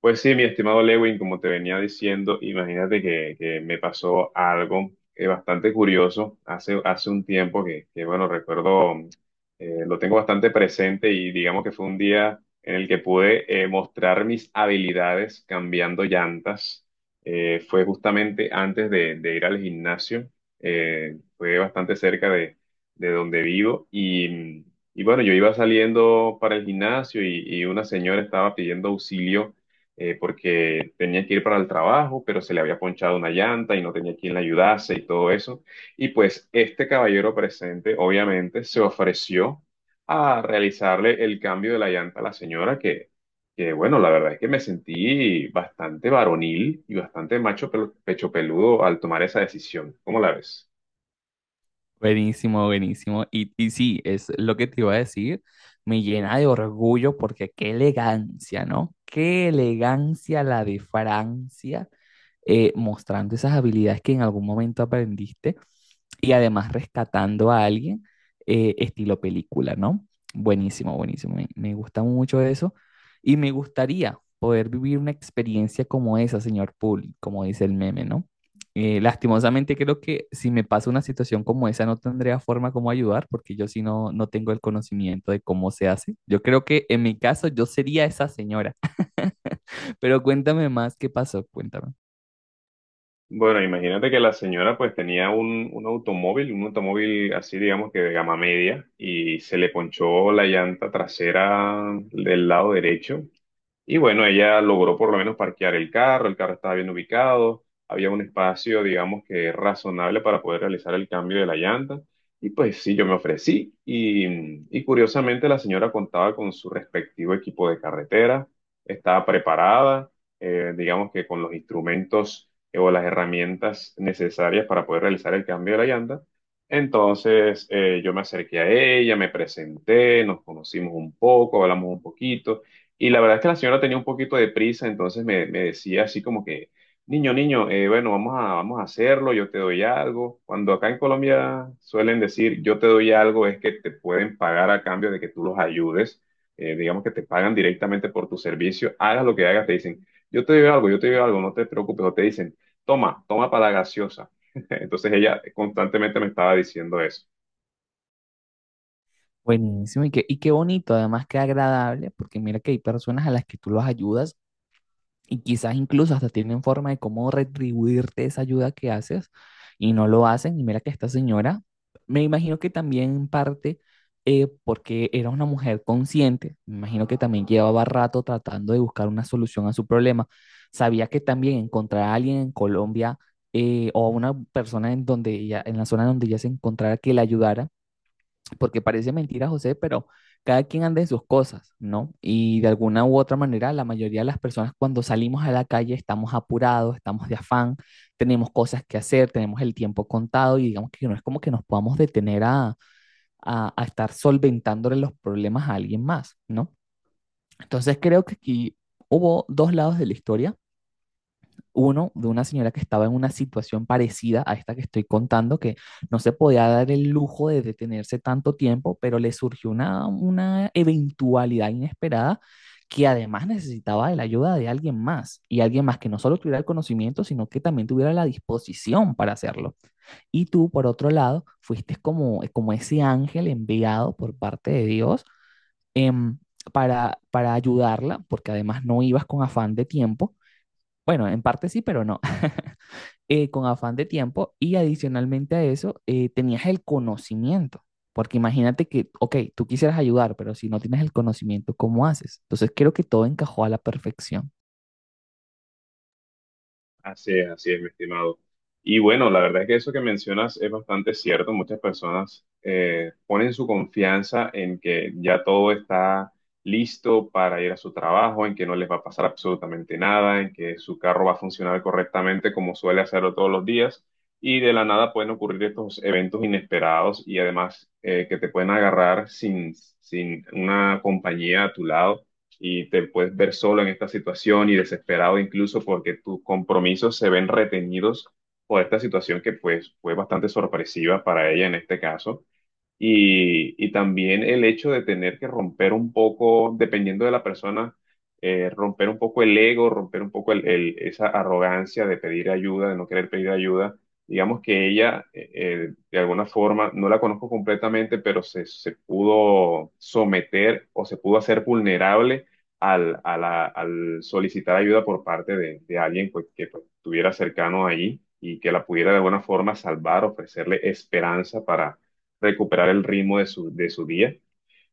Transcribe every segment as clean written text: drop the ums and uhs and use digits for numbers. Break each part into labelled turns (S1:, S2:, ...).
S1: Pues sí, mi estimado Lewin, como te venía diciendo, imagínate que me pasó algo bastante curioso hace un tiempo bueno, recuerdo, lo tengo bastante presente y digamos que fue un día en el que pude mostrar mis habilidades cambiando llantas. Fue justamente antes de ir al gimnasio, fue bastante cerca de donde vivo y y bueno, yo iba saliendo para el gimnasio y una señora estaba pidiendo auxilio porque tenía que ir para el trabajo, pero se le había ponchado una llanta y no tenía quien le ayudase y todo eso. Y pues este caballero presente, obviamente, se ofreció a realizarle el cambio de la llanta a la señora, que bueno, la verdad es que me sentí bastante varonil y bastante macho pecho peludo al tomar esa decisión. ¿Cómo la ves?
S2: Buenísimo, buenísimo. Y sí, es lo que te iba a decir. Me llena de orgullo porque qué elegancia, ¿no? Qué elegancia la de Francia, mostrando esas habilidades que en algún momento aprendiste y además rescatando a alguien, estilo película, ¿no? Buenísimo, buenísimo. Me gusta mucho eso y me gustaría poder vivir una experiencia como esa, señor Poole, como dice el meme, ¿no? Lastimosamente creo que si me pasa una situación como esa no tendría forma como ayudar porque yo sí no, no tengo el conocimiento de cómo se hace. Yo creo que en mi caso yo sería esa señora, pero cuéntame más qué pasó, cuéntame.
S1: Bueno, imagínate que la señora pues tenía un automóvil, un automóvil así digamos que de gama media y se le ponchó la llanta trasera del lado derecho y bueno, ella logró por lo menos parquear el carro estaba bien ubicado, había un espacio, digamos que razonable para poder realizar el cambio de la llanta. Y pues sí, yo me ofrecí y y curiosamente la señora contaba con su respectivo equipo de carretera, estaba preparada, digamos que con los instrumentos o las herramientas necesarias para poder realizar el cambio de la llanta. Entonces yo me acerqué a ella, me presenté, nos conocimos un poco, hablamos un poquito. Y la verdad es que la señora tenía un poquito de prisa, entonces me decía así como que, niño, niño, bueno, vamos a hacerlo, yo te doy algo. Cuando acá en Colombia suelen decir, yo te doy algo, es que te pueden pagar a cambio de que tú los ayudes. Digamos que te pagan directamente por tu servicio, hagas lo que hagas, te dicen, yo te doy algo, yo te doy algo, no te preocupes, o te dicen, toma, toma para la gaseosa. Entonces ella constantemente me estaba diciendo eso.
S2: Buenísimo, y qué bonito, además qué agradable, porque mira que hay personas a las que tú los ayudas y quizás incluso hasta tienen forma de cómo retribuirte esa ayuda que haces y no lo hacen. Y mira que esta señora, me imagino que también en parte, porque era una mujer consciente, me imagino que también llevaba rato tratando de buscar una solución a su problema. Sabía que también encontrar a alguien en Colombia, o a una persona en donde ella, en la zona donde ella se encontrara que la ayudara, porque parece mentira, José, pero cada quien anda en sus cosas, ¿no? Y de alguna u otra manera, la mayoría de las personas cuando salimos a la calle estamos apurados, estamos de afán, tenemos cosas que hacer, tenemos el tiempo contado y digamos que no es como que nos podamos detener a estar solventándole los problemas a alguien más, ¿no? Entonces creo que aquí hubo dos lados de la historia, uno de una señora que estaba en una situación parecida a esta que estoy contando, que no se podía dar el lujo de detenerse tanto tiempo, pero le surgió una eventualidad inesperada que además necesitaba de la ayuda de alguien más, y alguien más que no solo tuviera el conocimiento, sino que también tuviera la disposición para hacerlo. Y tú, por otro lado, fuiste como, como ese ángel enviado por parte de Dios, em, para ayudarla, porque además no ibas con afán de tiempo. Bueno, en parte sí, pero no, con afán de tiempo y adicionalmente a eso, tenías el conocimiento, porque imagínate que, ok, tú quisieras ayudar, pero si no tienes el conocimiento, ¿cómo haces? Entonces creo que todo encajó a la perfección.
S1: Así es, mi estimado. Y bueno, la verdad es que eso que mencionas es bastante cierto. Muchas personas ponen su confianza en que ya todo está listo para ir a su trabajo, en que no les va a pasar absolutamente nada, en que su carro va a funcionar correctamente como suele hacerlo todos los días. Y de la nada pueden ocurrir estos eventos inesperados y además que te pueden agarrar sin una compañía a tu lado y te puedes ver solo en esta situación y desesperado incluso porque tus compromisos se ven retenidos por esta situación que pues fue bastante sorpresiva para ella en este caso. Y también el hecho de tener que romper un poco, dependiendo de la persona, romper un poco el ego, romper un poco esa arrogancia de pedir ayuda, de no querer pedir ayuda. Digamos que ella, de alguna forma, no la conozco completamente, pero se pudo someter o se pudo hacer vulnerable al solicitar ayuda por parte de alguien pues, que pues, estuviera cercano allí y que la pudiera de alguna forma salvar, ofrecerle esperanza recuperar el ritmo de su día.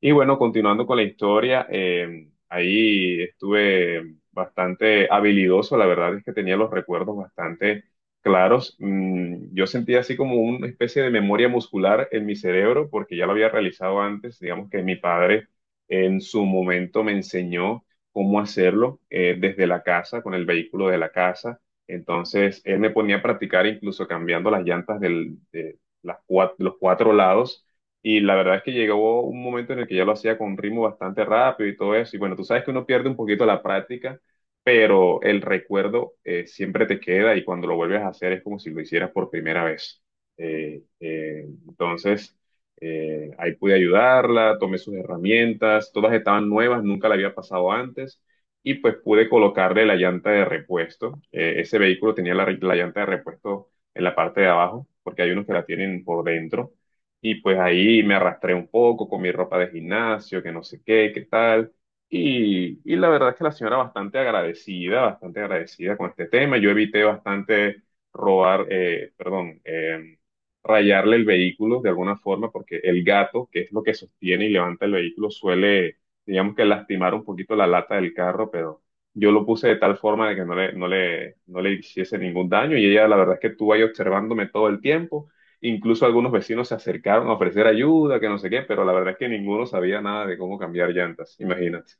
S1: Y bueno, continuando con la historia, ahí estuve bastante habilidoso, la verdad es que tenía los recuerdos bastante claros. Mm, yo sentía así como una especie de memoria muscular en mi cerebro, porque ya lo había realizado antes, digamos que mi padre en su momento me enseñó cómo hacerlo desde la casa, con el vehículo de la casa. Entonces, él me ponía a practicar incluso cambiando las llantas de las los cuatro lados y la verdad es que llegó un momento en el que ya lo hacía con ritmo bastante rápido y todo eso. Y bueno, tú sabes que uno pierde un poquito la práctica, pero el recuerdo siempre te queda y cuando lo vuelves a hacer es como si lo hicieras por primera vez. Entonces, ahí pude ayudarla, tomé sus herramientas, todas estaban nuevas, nunca la había pasado antes. Y pues pude colocarle la llanta de repuesto. Ese vehículo tenía la llanta de repuesto en la parte de abajo, porque hay unos que la tienen por dentro y pues ahí me arrastré un poco con mi ropa de gimnasio, que no sé qué, qué tal. Y la verdad es que la señora bastante agradecida con este tema. Yo evité bastante perdón, rayarle el vehículo de alguna forma, porque el gato, que es lo que sostiene y levanta el vehículo, suele, digamos que lastimar un poquito la lata del carro, pero yo lo puse de tal forma de que no le hiciese ningún daño. Y ella, la verdad es que estuvo ahí observándome todo el tiempo. Incluso algunos vecinos se acercaron a ofrecer ayuda, que no sé qué, pero la verdad es que ninguno sabía nada de cómo cambiar llantas, imagínate.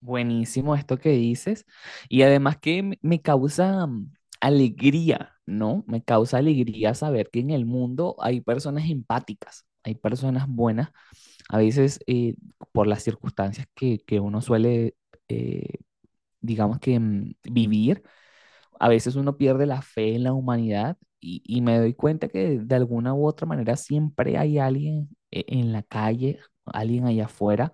S2: Buenísimo esto que dices. Y además que me causa alegría, ¿no? Me causa alegría saber que en el mundo hay personas empáticas, hay personas buenas. A veces, por las circunstancias que uno suele, eh, digamos que vivir, a veces uno pierde la fe en la humanidad y me doy cuenta que de alguna u otra manera siempre hay alguien, en la calle, alguien allá afuera,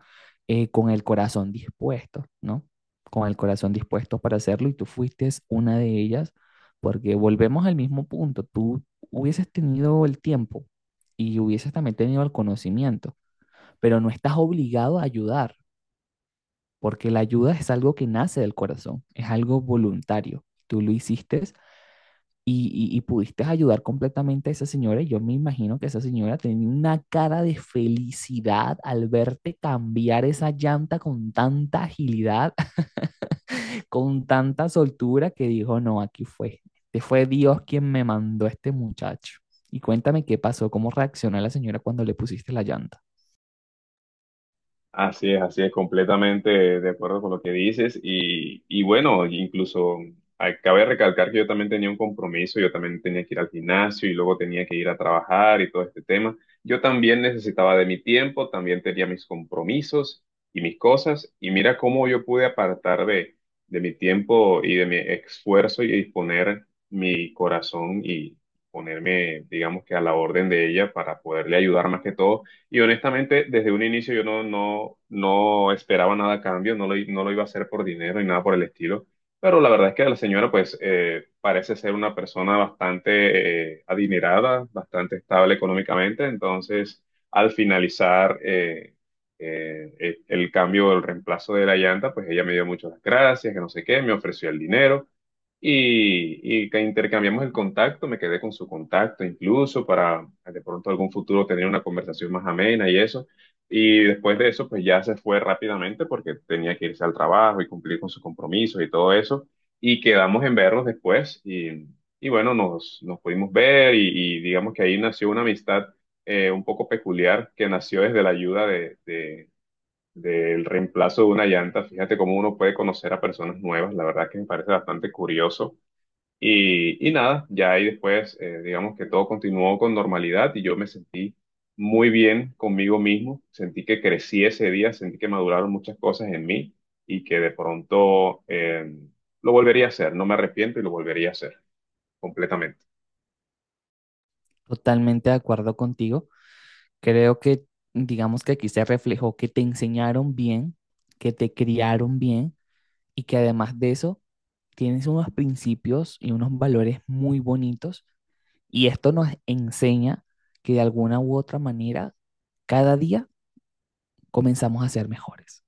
S2: con el corazón dispuesto, ¿no? Con el corazón dispuesto para hacerlo y tú fuiste una de ellas, porque volvemos al mismo punto, tú hubieses tenido el tiempo y hubieses también tenido el conocimiento, pero no estás obligado a ayudar, porque la ayuda es algo que nace del corazón, es algo voluntario. Tú lo hiciste y pudiste ayudar completamente a esa señora. Y yo me imagino que esa señora tenía una cara de felicidad al verte cambiar esa llanta con tanta agilidad, con tanta soltura, que dijo, no, aquí fue. Este fue Dios quien me mandó a este muchacho. Y cuéntame qué pasó, cómo reaccionó la señora cuando le pusiste la llanta.
S1: Así es, completamente de acuerdo con lo que dices. Y bueno, incluso cabe recalcar que yo también tenía un compromiso, yo también tenía que ir al gimnasio y luego tenía que ir a trabajar y todo este tema. Yo también necesitaba de mi tiempo, también tenía mis compromisos y mis cosas. Y mira cómo yo pude apartar de mi tiempo y de mi esfuerzo y poner mi corazón y ponerme, digamos que a la orden de ella para poderle ayudar más que todo y honestamente, desde un inicio yo no esperaba nada a cambio, no lo iba a hacer por dinero y nada por el estilo. Pero la verdad es que la señora, pues, parece ser una persona bastante adinerada, bastante estable económicamente. Entonces, al finalizar el cambio, el reemplazo de la llanta, pues ella me dio muchas gracias, que no sé qué, me ofreció el dinero y que intercambiamos el contacto, me quedé con su contacto incluso para de pronto algún futuro tener una conversación más amena y eso. Y después de eso, pues ya se fue rápidamente porque tenía que irse al trabajo y cumplir con sus compromisos y todo eso. Y quedamos en vernos después y bueno, nos pudimos ver y digamos que ahí nació una amistad un poco peculiar que nació desde la ayuda del reemplazo de una llanta. Fíjate cómo uno puede conocer a personas nuevas, la verdad que me parece bastante curioso. Nada, ya ahí después, digamos que todo continuó con normalidad y yo me sentí muy bien conmigo mismo, sentí que crecí ese día, sentí que maduraron muchas cosas en mí y que de pronto lo volvería a hacer, no me arrepiento y lo volvería a hacer completamente.
S2: Totalmente de acuerdo contigo. Creo que, digamos que aquí se reflejó que te enseñaron bien, que te criaron bien y que además de eso tienes unos principios y unos valores muy bonitos y esto nos enseña que de alguna u otra manera cada día comenzamos a ser mejores.